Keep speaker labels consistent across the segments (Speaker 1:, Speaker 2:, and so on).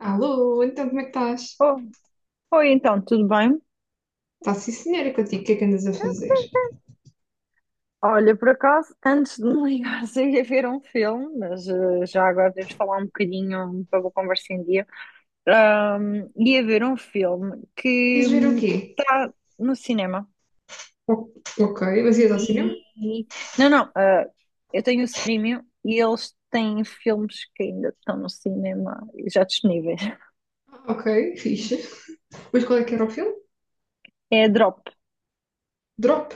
Speaker 1: Alô, então como é que estás?
Speaker 2: Oh, oi, então, tudo bem?
Speaker 1: Está sim, senhora, contigo, o que é que andas a fazer?
Speaker 2: Olha, por acaso, antes de me ligares, eu ia ver um filme, mas já agora deves falar um bocadinho para a conversa em dia. Ia ver um filme que
Speaker 1: Ias ver o quê?
Speaker 2: está no cinema.
Speaker 1: O- Ok, mas ias ao cinema?
Speaker 2: E. Não, não, eu tenho o streaming e eles têm filmes que ainda estão no cinema e já disponíveis.
Speaker 1: Ah, Ok, fixe. Mas qual é que era o filme?
Speaker 2: É a Drop.
Speaker 1: Drop?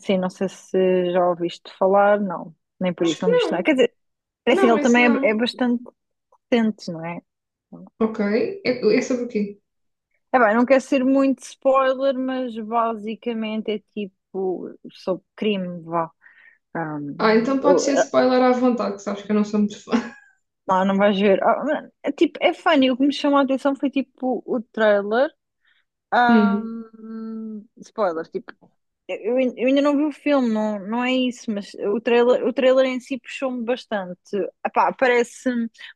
Speaker 2: Sim, não sei se já ouviste falar, não, nem por
Speaker 1: Acho
Speaker 2: isso,
Speaker 1: que
Speaker 2: não viste nada.
Speaker 1: não.
Speaker 2: Quer dizer, é assim,
Speaker 1: Não,
Speaker 2: ele
Speaker 1: esse
Speaker 2: também é, é
Speaker 1: não.
Speaker 2: bastante. Sentes, não é?
Speaker 1: Ok, é sobre o quê?
Speaker 2: É bem, não quero ser muito spoiler, mas basicamente é tipo sobre crime, vá.
Speaker 1: Ah,
Speaker 2: Um,
Speaker 1: então pode ser spoiler à vontade, que sabes que eu não sou muito fã.
Speaker 2: não, não vais ver. Ah, mano, é tipo, é funny. O que me chamou a atenção foi tipo o trailer.
Speaker 1: Hum,
Speaker 2: Spoiler, tipo, eu ainda não vi o filme, não, não é isso, mas o trailer em si puxou-me bastante. Epá, parece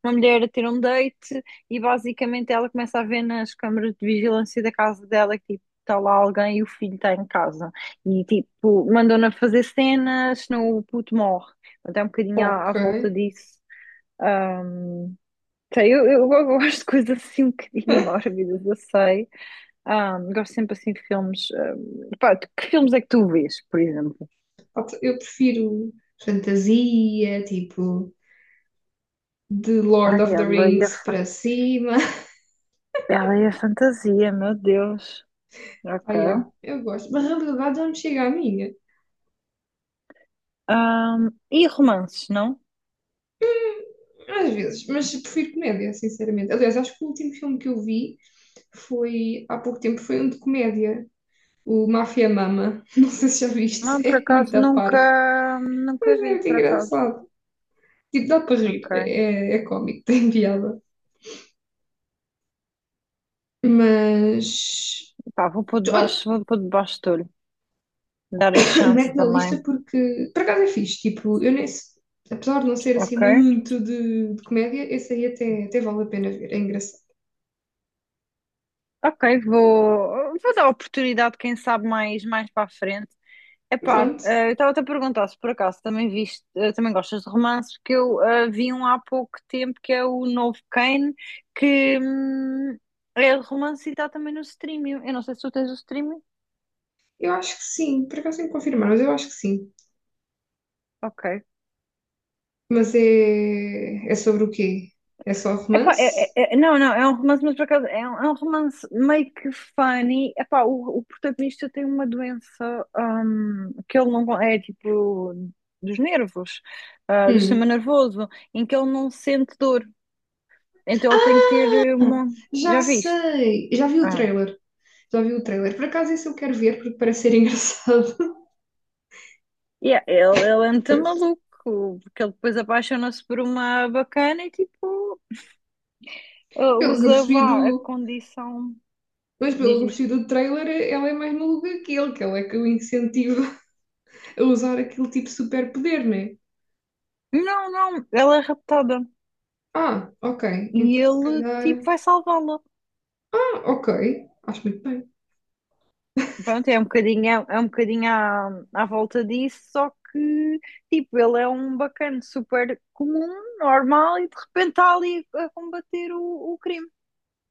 Speaker 2: uma mulher a ter um date e basicamente ela começa a ver nas câmaras de vigilância da casa dela que tipo, está lá alguém e o filho está em casa. E tipo, mandam-na fazer cenas, senão o puto morre. Portanto, é um bocadinho
Speaker 1: ok.
Speaker 2: à volta disso. Ahm, Sei, eu gosto de coisas assim um bocadinho mórbidas, eu sei. Ah, gosto sempre assim de filmes. Pá, que filmes é que tu vês, por exemplo?
Speaker 1: Eu prefiro fantasia, tipo, de Lord
Speaker 2: Ai,
Speaker 1: of the Rings para cima.
Speaker 2: ela e a fantasia, meu Deus.
Speaker 1: Ah, yeah,
Speaker 2: Ok.
Speaker 1: eu gosto. Mas a realidade não me chega a mim.
Speaker 2: Ah, e romances, não?
Speaker 1: Às vezes, mas prefiro comédia, sinceramente. Aliás, acho que o último filme que eu vi foi, há pouco tempo, foi um de comédia. O Máfia Mama. Não sei se já
Speaker 2: Não,
Speaker 1: viste.
Speaker 2: por
Speaker 1: É muito
Speaker 2: acaso
Speaker 1: parvo,
Speaker 2: nunca,
Speaker 1: mas
Speaker 2: nunca
Speaker 1: é
Speaker 2: vi,
Speaker 1: muito
Speaker 2: por acaso.
Speaker 1: engraçado. Tipo, dá para rir.
Speaker 2: Ok.
Speaker 1: É, é cómico, tem piada. Mas...
Speaker 2: Pá, vou pôr
Speaker 1: Olha,
Speaker 2: debaixo, vou pôr debaixo do olho. Dar a chance
Speaker 1: mete na lista
Speaker 2: também.
Speaker 1: porque, por acaso é fixe. Tipo, eu nem... Apesar de não ser assim
Speaker 2: Ok.
Speaker 1: muito de comédia, esse aí até, até vale a pena ver. É engraçado.
Speaker 2: Ok, vou, vou dar oportunidade, quem sabe, mais, mais para a frente. Epá,
Speaker 1: Pronto.
Speaker 2: eu estava-te a perguntar se por acaso também viste, também gostas de romances, porque eu vi um há pouco tempo que é o novo Kane, que é de romance e está também no streaming. Eu não sei se tu tens o streaming.
Speaker 1: Eu acho que sim. Por acaso tenho que confirmar, mas eu acho que sim.
Speaker 2: Ok.
Speaker 1: Mas é, é sobre o quê? É só
Speaker 2: Epá,
Speaker 1: romance?
Speaker 2: não, não, é um romance, mas por acaso é um romance meio que funny. Epá, o protagonista tem uma doença que ele não con- é tipo dos nervos, ah, do sistema
Speaker 1: Hum,
Speaker 2: nervoso, em que ele não sente dor. Então ele tem que ter uma.
Speaker 1: já
Speaker 2: Já viste?
Speaker 1: sei! Já vi o
Speaker 2: Ah.
Speaker 1: trailer. Já vi o trailer. Por acaso esse eu quero ver porque parece ser engraçado.
Speaker 2: Yeah, ele é muito maluco, porque ele depois apaixona-se por uma bacana e tipo ah,
Speaker 1: Pelo que eu
Speaker 2: usa
Speaker 1: percebi
Speaker 2: vá, a
Speaker 1: do.
Speaker 2: condição.
Speaker 1: Mas pelo
Speaker 2: Diz,
Speaker 1: que eu
Speaker 2: diz.
Speaker 1: percebi do trailer, ela é mais maluca que ele, que ela é que o incentiva a usar aquele tipo de superpoder, não é?
Speaker 2: Não, não, ela é raptada.
Speaker 1: Ah, ok.
Speaker 2: E
Speaker 1: Então se
Speaker 2: ele tipo
Speaker 1: calhar.
Speaker 2: vai salvá-la.
Speaker 1: Ah, ok. Acho muito bem.
Speaker 2: Pronto, é um bocadinho à volta disso, só que tipo, ele é um bacana super comum, normal, e de repente está ali a combater o crime.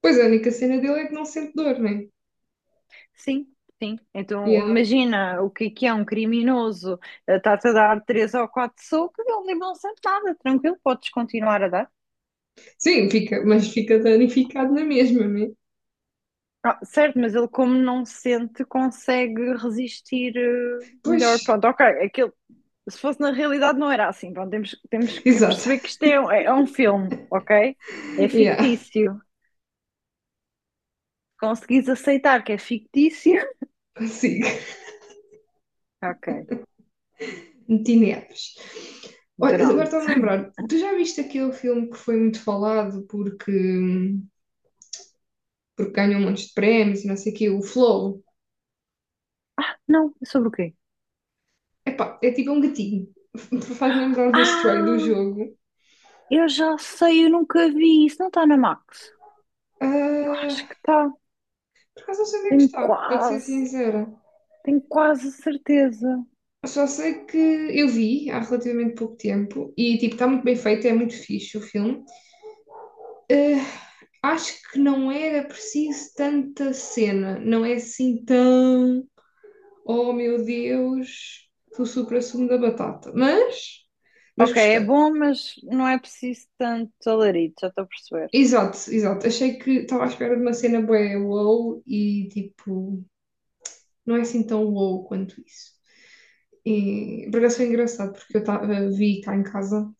Speaker 1: Pois a única cena dele é que não sente dor, não é?
Speaker 2: Sim, sim. Então,
Speaker 1: Yeah.
Speaker 2: imagina o que é um criminoso. Está-te a dar três ou quatro socos, ele não sente nada, tranquilo, podes continuar a dar.
Speaker 1: Sim, fica, mas fica danificado na mesma, não é?
Speaker 2: Ah, certo, mas ele, como não sente, consegue resistir
Speaker 1: Pois,
Speaker 2: melhor. Pronto, ok, aquilo, se fosse na realidade, não era assim. Pronto, temos que
Speaker 1: exato.
Speaker 2: perceber que isto é, é um filme, ok? É
Speaker 1: Yeah,
Speaker 2: fictício. Conseguis aceitar que é fictício?
Speaker 1: consigo.
Speaker 2: Ok,
Speaker 1: Metineves. Olha, agora estou-me
Speaker 2: pronto.
Speaker 1: a lembrar, tu já viste aquele filme que foi muito falado porque, porque ganhou um monte de prémios e não sei o quê, o Flow?
Speaker 2: Não, é sobre o quê?
Speaker 1: Epá, é tipo um gatinho. Faz-me lembrar do Stray do
Speaker 2: Ah!
Speaker 1: jogo.
Speaker 2: Eu já sei, eu nunca vi. Isso não está na Max. Eu
Speaker 1: Ah,
Speaker 2: acho que está.
Speaker 1: por acaso não sei onde é que
Speaker 2: Tenho
Speaker 1: está, para te ser
Speaker 2: quase,
Speaker 1: sincera.
Speaker 2: tenho quase certeza.
Speaker 1: Só sei que eu vi há relativamente pouco tempo e tipo, está muito bem feito, é muito fixe o filme. Ah, acho que não era preciso tanta cena, não é assim tão Oh meu Deus, tu supra-sumo da batata. Mas
Speaker 2: Ok, é
Speaker 1: gostei.
Speaker 2: bom, mas não é preciso tanto alarido, já estou a perceber.
Speaker 1: Exato, exato. Achei que estava à espera de uma cena bué wow e tipo, não é assim tão wow quanto isso. E por acaso foi engraçado porque eu tava, vi cá em casa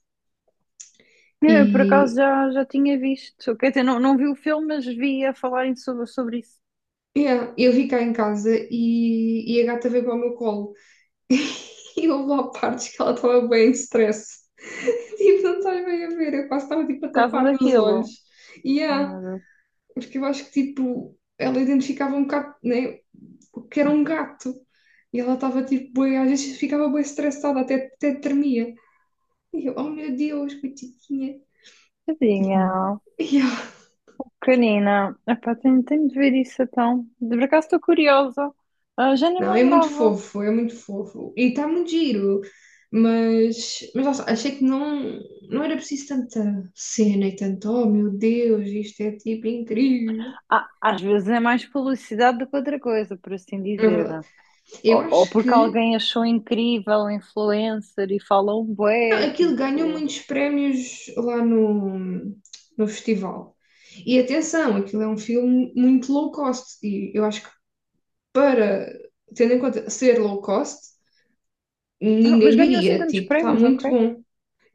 Speaker 2: Eu, por acaso,
Speaker 1: e
Speaker 2: já tinha visto. Quer dizer, não, não vi o filme, mas vi a falarem sobre isso.
Speaker 1: yeah, eu vi cá em casa e a gata veio para o meu colo. E houve lá partes que ela estava bem em stress. Tipo, não estás bem a ver, eu quase estava tipo a
Speaker 2: Por causa
Speaker 1: tapar-lhe os olhos.
Speaker 2: daquilo.
Speaker 1: E
Speaker 2: Ai,
Speaker 1: yeah,
Speaker 2: meu Deus.
Speaker 1: porque eu acho que tipo, ela identificava um bocado, né, o que era um gato. E ela estava tipo, bué, às vezes ficava bem estressada, até, até tremia. E eu, oh meu Deus, coitadinha.
Speaker 2: Tadinha.
Speaker 1: E eu,
Speaker 2: Pequenina. Epá, tenho de ver isso então. De por acaso estou curiosa. Ah, já nem me
Speaker 1: não, é muito
Speaker 2: lembrava.
Speaker 1: fofo, é muito fofo. E está muito giro. Mas lá achei que não, não era preciso tanta cena e tanto, oh meu Deus, isto é tipo incrível.
Speaker 2: Ah, às vezes é mais publicidade do que outra coisa, por assim
Speaker 1: É
Speaker 2: dizer.
Speaker 1: verdade. Eu
Speaker 2: Ou
Speaker 1: acho
Speaker 2: porque
Speaker 1: que
Speaker 2: alguém achou incrível, um influencer, e falou um
Speaker 1: Não,
Speaker 2: bué,
Speaker 1: aquilo ganhou
Speaker 2: tipo...
Speaker 1: muitos prémios lá no, no festival. E atenção, aquilo é um filme muito low cost. E eu acho que para, tendo em conta ser low cost,
Speaker 2: Ah, mas
Speaker 1: ninguém
Speaker 2: ganhou assim
Speaker 1: diria,
Speaker 2: tantos
Speaker 1: tipo, está
Speaker 2: prémios,
Speaker 1: muito
Speaker 2: ok?
Speaker 1: bom.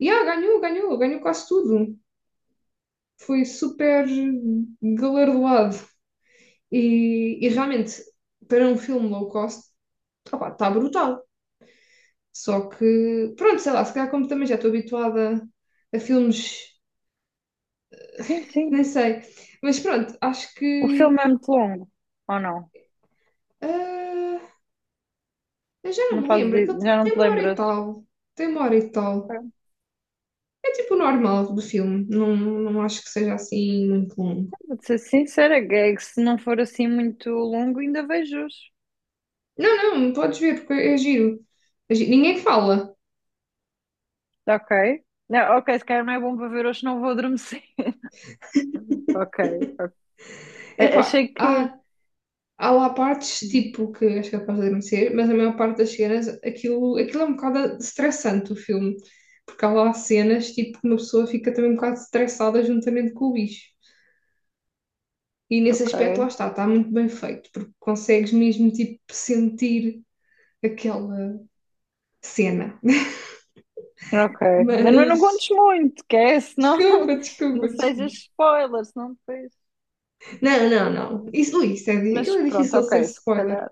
Speaker 1: E ah, ganhou, ganhou, ganhou quase tudo. Foi super galardoado. E realmente, para um filme low cost, está brutal. Só que, pronto, sei lá, se calhar como também já estou habituada a filmes
Speaker 2: Sim, sim.
Speaker 1: nem sei. Mas pronto, acho
Speaker 2: O
Speaker 1: que.
Speaker 2: filme é muito longo, ou não?
Speaker 1: ah, eu já não
Speaker 2: Não
Speaker 1: me
Speaker 2: fazes,
Speaker 1: lembro. Aquilo
Speaker 2: já não
Speaker 1: tem
Speaker 2: te
Speaker 1: uma hora e
Speaker 2: lembras?
Speaker 1: tal. Tem uma hora e tal.
Speaker 2: Pronto,
Speaker 1: É tipo o normal do filme. Não, não acho que seja assim muito longo.
Speaker 2: vou ser sincera, que é que se não for assim muito longo, ainda vejo hoje.
Speaker 1: Não, não, podes ver, porque é giro. É Ninguém fala.
Speaker 2: Ok? Não, ok, se calhar não é bom para ver hoje, não vou adormecer. Ok.
Speaker 1: É pá,
Speaker 2: Achei que...
Speaker 1: há, há lá partes tipo que és capaz de adormecer, mas a maior parte das cenas, aquilo, aquilo é um bocado estressante o filme. Porque há lá cenas tipo que uma pessoa fica também um bocado estressada juntamente com o bicho. E nesse
Speaker 2: Ok.
Speaker 1: aspecto, lá está, está muito bem feito, porque consegues mesmo, tipo, sentir aquela cena.
Speaker 2: Ok, mas não, não
Speaker 1: Mas,
Speaker 2: contes muito, que é, senão
Speaker 1: desculpa, desculpa,
Speaker 2: não
Speaker 1: desculpa.
Speaker 2: sejas spoiler, senão depois.
Speaker 1: Não, não, não. Isso, ui, isso é,
Speaker 2: Mas
Speaker 1: aquilo é
Speaker 2: pronto,
Speaker 1: difícil de ser
Speaker 2: ok, se
Speaker 1: spoiler.
Speaker 2: calhar.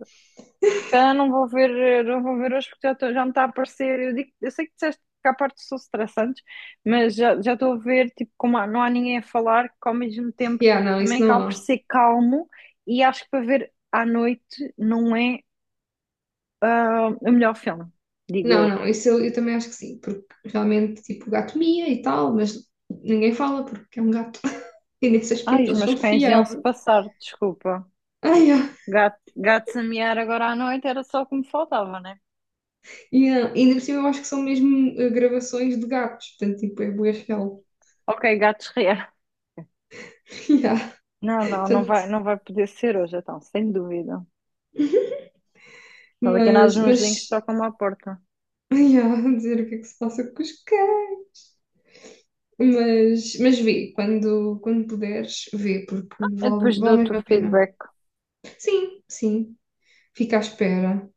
Speaker 2: Se calhar não vou ver, não vou ver hoje porque já me está a aparecer. Eu, digo, eu sei que disseste que há partes que são estressantes, mas já estou a ver, tipo, não há ninguém a falar, que ao mesmo tempo
Speaker 1: Yeah, não, isso
Speaker 2: também
Speaker 1: não
Speaker 2: acaba por
Speaker 1: há.
Speaker 2: ser calmo e acho que para ver à noite não é o melhor filme, digo
Speaker 1: Não,
Speaker 2: eu.
Speaker 1: não, isso eu também acho que sim, porque realmente, tipo, o gato mia e tal, mas ninguém fala porque é um gato. E nesse
Speaker 2: Ai,
Speaker 1: aspecto
Speaker 2: os
Speaker 1: eles
Speaker 2: meus
Speaker 1: são
Speaker 2: cães iam-se
Speaker 1: fiáveis.
Speaker 2: passar, desculpa.
Speaker 1: Ai, ah, yeah.
Speaker 2: Gato, gatos a miar agora à noite era só o que me faltava, né?
Speaker 1: Yeah. E ainda por cima eu acho que são mesmo gravações de gatos, portanto, tipo, é bué real.
Speaker 2: Ok, gatos reais.
Speaker 1: Yeah.
Speaker 2: Não, não, não
Speaker 1: Portanto,
Speaker 2: vai, não vai poder ser hoje, então, sem dúvida. Olha aqui nós
Speaker 1: Mas,
Speaker 2: mãozinhos
Speaker 1: mas,
Speaker 2: tocam-me à porta.
Speaker 1: ai, há dizer o que é que se passa com os cães. Mas vê, quando, quando puderes, vê, porque
Speaker 2: Eu
Speaker 1: vale,
Speaker 2: depois
Speaker 1: vale
Speaker 2: dou-te
Speaker 1: mesmo
Speaker 2: o
Speaker 1: a pena.
Speaker 2: feedback.
Speaker 1: Sim, sim, fica à espera.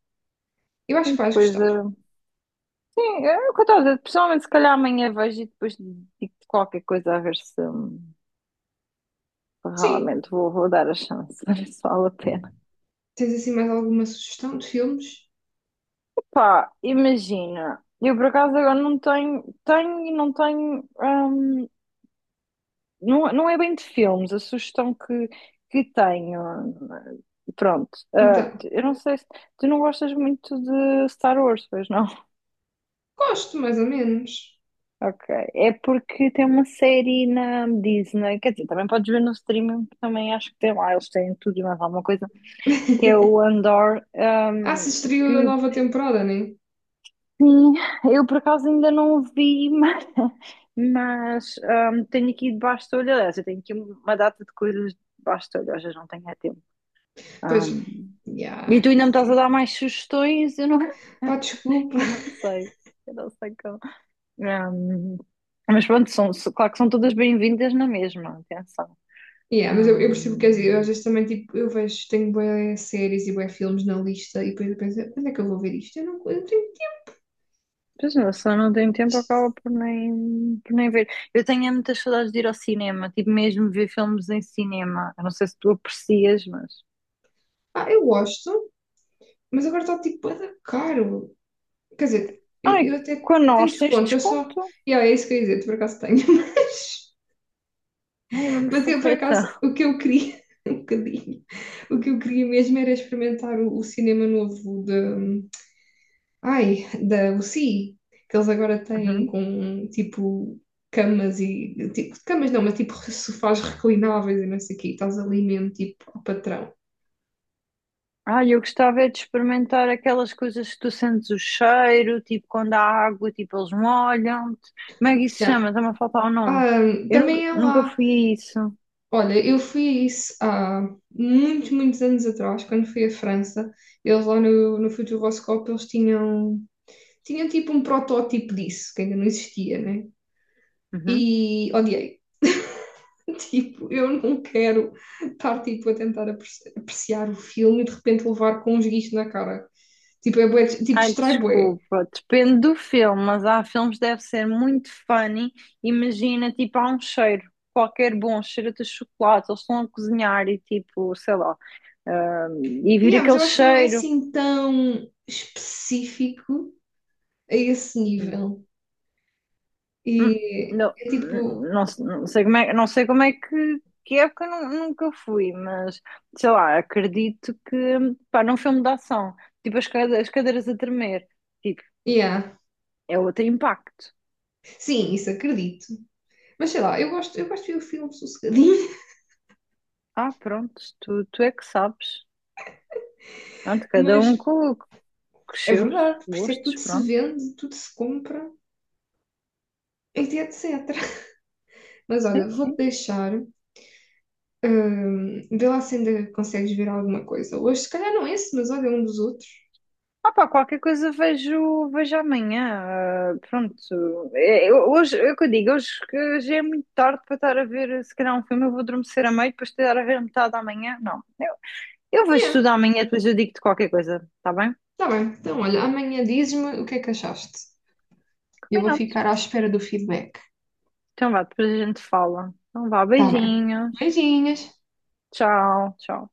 Speaker 1: Eu
Speaker 2: E
Speaker 1: acho que vais
Speaker 2: depois,
Speaker 1: gostar.
Speaker 2: sim, é o que eu estava a dizer. Pessoalmente, se calhar amanhã vejo e depois digo-te qualquer coisa a ver se
Speaker 1: Sim.
Speaker 2: realmente vou, vou dar a chance, a ver se vale a pena.
Speaker 1: Tens assim mais alguma sugestão de filmes?
Speaker 2: Pá, imagina. Eu por acaso agora não tenho, tenho e não tenho não, não é bem de filmes, a sugestão que tenho. Pronto,
Speaker 1: Então,
Speaker 2: eu não sei se tu não gostas muito de Star Wars, pois não?
Speaker 1: gosto, mais ou menos.
Speaker 2: Ok, é porque tem uma série na Disney, quer dizer, também podes ver no streaming, porque também acho que tem lá, eles têm tudo e mais alguma coisa, que é o Andor,
Speaker 1: Ah, se estreou a
Speaker 2: que
Speaker 1: nova temporada, né?
Speaker 2: sim, eu por acaso ainda não o vi, mas, tenho aqui debaixo do olho, aliás, eu tenho aqui uma data de coisas debaixo do olho, às vezes não tenho é tempo.
Speaker 1: Pois,
Speaker 2: Ahm,
Speaker 1: já,
Speaker 2: e tu ainda me
Speaker 1: isso
Speaker 2: estás a
Speaker 1: é.
Speaker 2: dar mais sugestões? Eu não,
Speaker 1: Pá, desculpa,
Speaker 2: eu não sei. Eu não sei como. Ahm, mas pronto, claro que são todas bem-vindas na mesma, atenção.
Speaker 1: yeah, mas eu percebo o que queres dizer. Eu, às
Speaker 2: Ahm,
Speaker 1: vezes também, tipo, eu vejo, tenho bué séries e bué filmes na lista e depois eu penso, quando é que eu vou ver isto? Eu não tenho
Speaker 2: Pois não, se eu só não tenho tempo,
Speaker 1: isto.
Speaker 2: acaba por nem ver. Eu tenho é muitas saudades de ir ao cinema, tipo mesmo ver filmes em cinema. Eu não sei se tu aprecias, mas.
Speaker 1: Ah, eu gosto, mas agora está, tipo, bué da caro. Quer dizer,
Speaker 2: Ai,
Speaker 1: eu até
Speaker 2: com
Speaker 1: eu tenho
Speaker 2: nós tens
Speaker 1: desconto, eu só...
Speaker 2: desconto.
Speaker 1: Yeah, é isso que eu ia dizer, tu por acaso tenho, mas...
Speaker 2: Ai, é mesmo
Speaker 1: Mas eu, por acaso,
Speaker 2: forreta.
Speaker 1: o que eu queria, um bocadinho, o que eu queria mesmo era experimentar o cinema novo. Ai, da UCI, que eles agora têm
Speaker 2: Uhum.
Speaker 1: com tipo camas e tipo, camas não, mas tipo sofás reclináveis e não sei o quê, estás ali mesmo tipo ao patrão.
Speaker 2: Ah, eu gostava é de experimentar aquelas coisas que tu sentes o cheiro, tipo quando há água, tipo eles molham-te. Como é que isso se
Speaker 1: Yeah.
Speaker 2: chama? Está-me a faltar o nome.
Speaker 1: Ah,
Speaker 2: Eu nunca,
Speaker 1: também é
Speaker 2: nunca
Speaker 1: lá.
Speaker 2: fui a isso.
Speaker 1: Olha, eu fui a isso há muitos, muitos anos atrás, quando fui à França, eles lá no Futuroscope, eles tinham, tinham tipo um protótipo disso, que ainda não existia, né?
Speaker 2: Uhum.
Speaker 1: E odiei. Tipo, eu não quero estar tipo, a tentar apreciar o filme e de repente levar com um esguicho na cara. Tipo, é bué, tipo,
Speaker 2: Ai,
Speaker 1: distrai bué.
Speaker 2: desculpa. Depende do filme, mas há filmes que deve ser muito funny. Imagina, tipo, há um cheiro, qualquer bom cheiro de chocolate, eles estão a cozinhar e tipo, sei lá, ah, e vir
Speaker 1: Yeah, mas
Speaker 2: aquele
Speaker 1: eu acho que não é
Speaker 2: cheiro.
Speaker 1: assim tão específico a esse nível.
Speaker 2: Hum,
Speaker 1: E
Speaker 2: Não,
Speaker 1: é tipo,
Speaker 2: não, não sei como é, não sei como é que época nunca fui, mas sei lá, acredito que pá, num filme de ação, tipo as, as cadeiras a tremer, tipo,
Speaker 1: yeah.
Speaker 2: é outro impacto.
Speaker 1: Sim, isso acredito. Mas sei lá, eu gosto de ver o filme sossegadinho,
Speaker 2: Ah, pronto, tu é que sabes. Pronto, cada um
Speaker 1: mas
Speaker 2: com os
Speaker 1: é
Speaker 2: seus
Speaker 1: verdade, por isso é que
Speaker 2: gostos,
Speaker 1: tudo se
Speaker 2: pronto.
Speaker 1: vende, tudo se compra, etc, etc. Mas olha,
Speaker 2: Sim,
Speaker 1: vou-te
Speaker 2: sim.
Speaker 1: deixar. Vê lá se ainda consegues ver alguma coisa. Hoje, se calhar não esse, mas olha um dos outros.
Speaker 2: Ah pá, qualquer coisa vejo, vejo amanhã. Pronto. É, hoje, é o que eu digo, hoje que já é muito tarde para estar a ver, se calhar um filme, eu vou adormecer a meio, depois estar a ver a metade da manhã. Não. Eu vejo
Speaker 1: Yeah,
Speaker 2: tudo amanhã, depois eu digo-te qualquer coisa, tá bem?
Speaker 1: tá bem. Então, olha, amanhã dizes-me o que é que achaste. Eu vou
Speaker 2: Combinado.
Speaker 1: ficar à espera do feedback.
Speaker 2: Então vá, depois a gente fala. Então vá,
Speaker 1: Tá bem.
Speaker 2: beijinhos.
Speaker 1: Beijinhos.
Speaker 2: Tchau, tchau.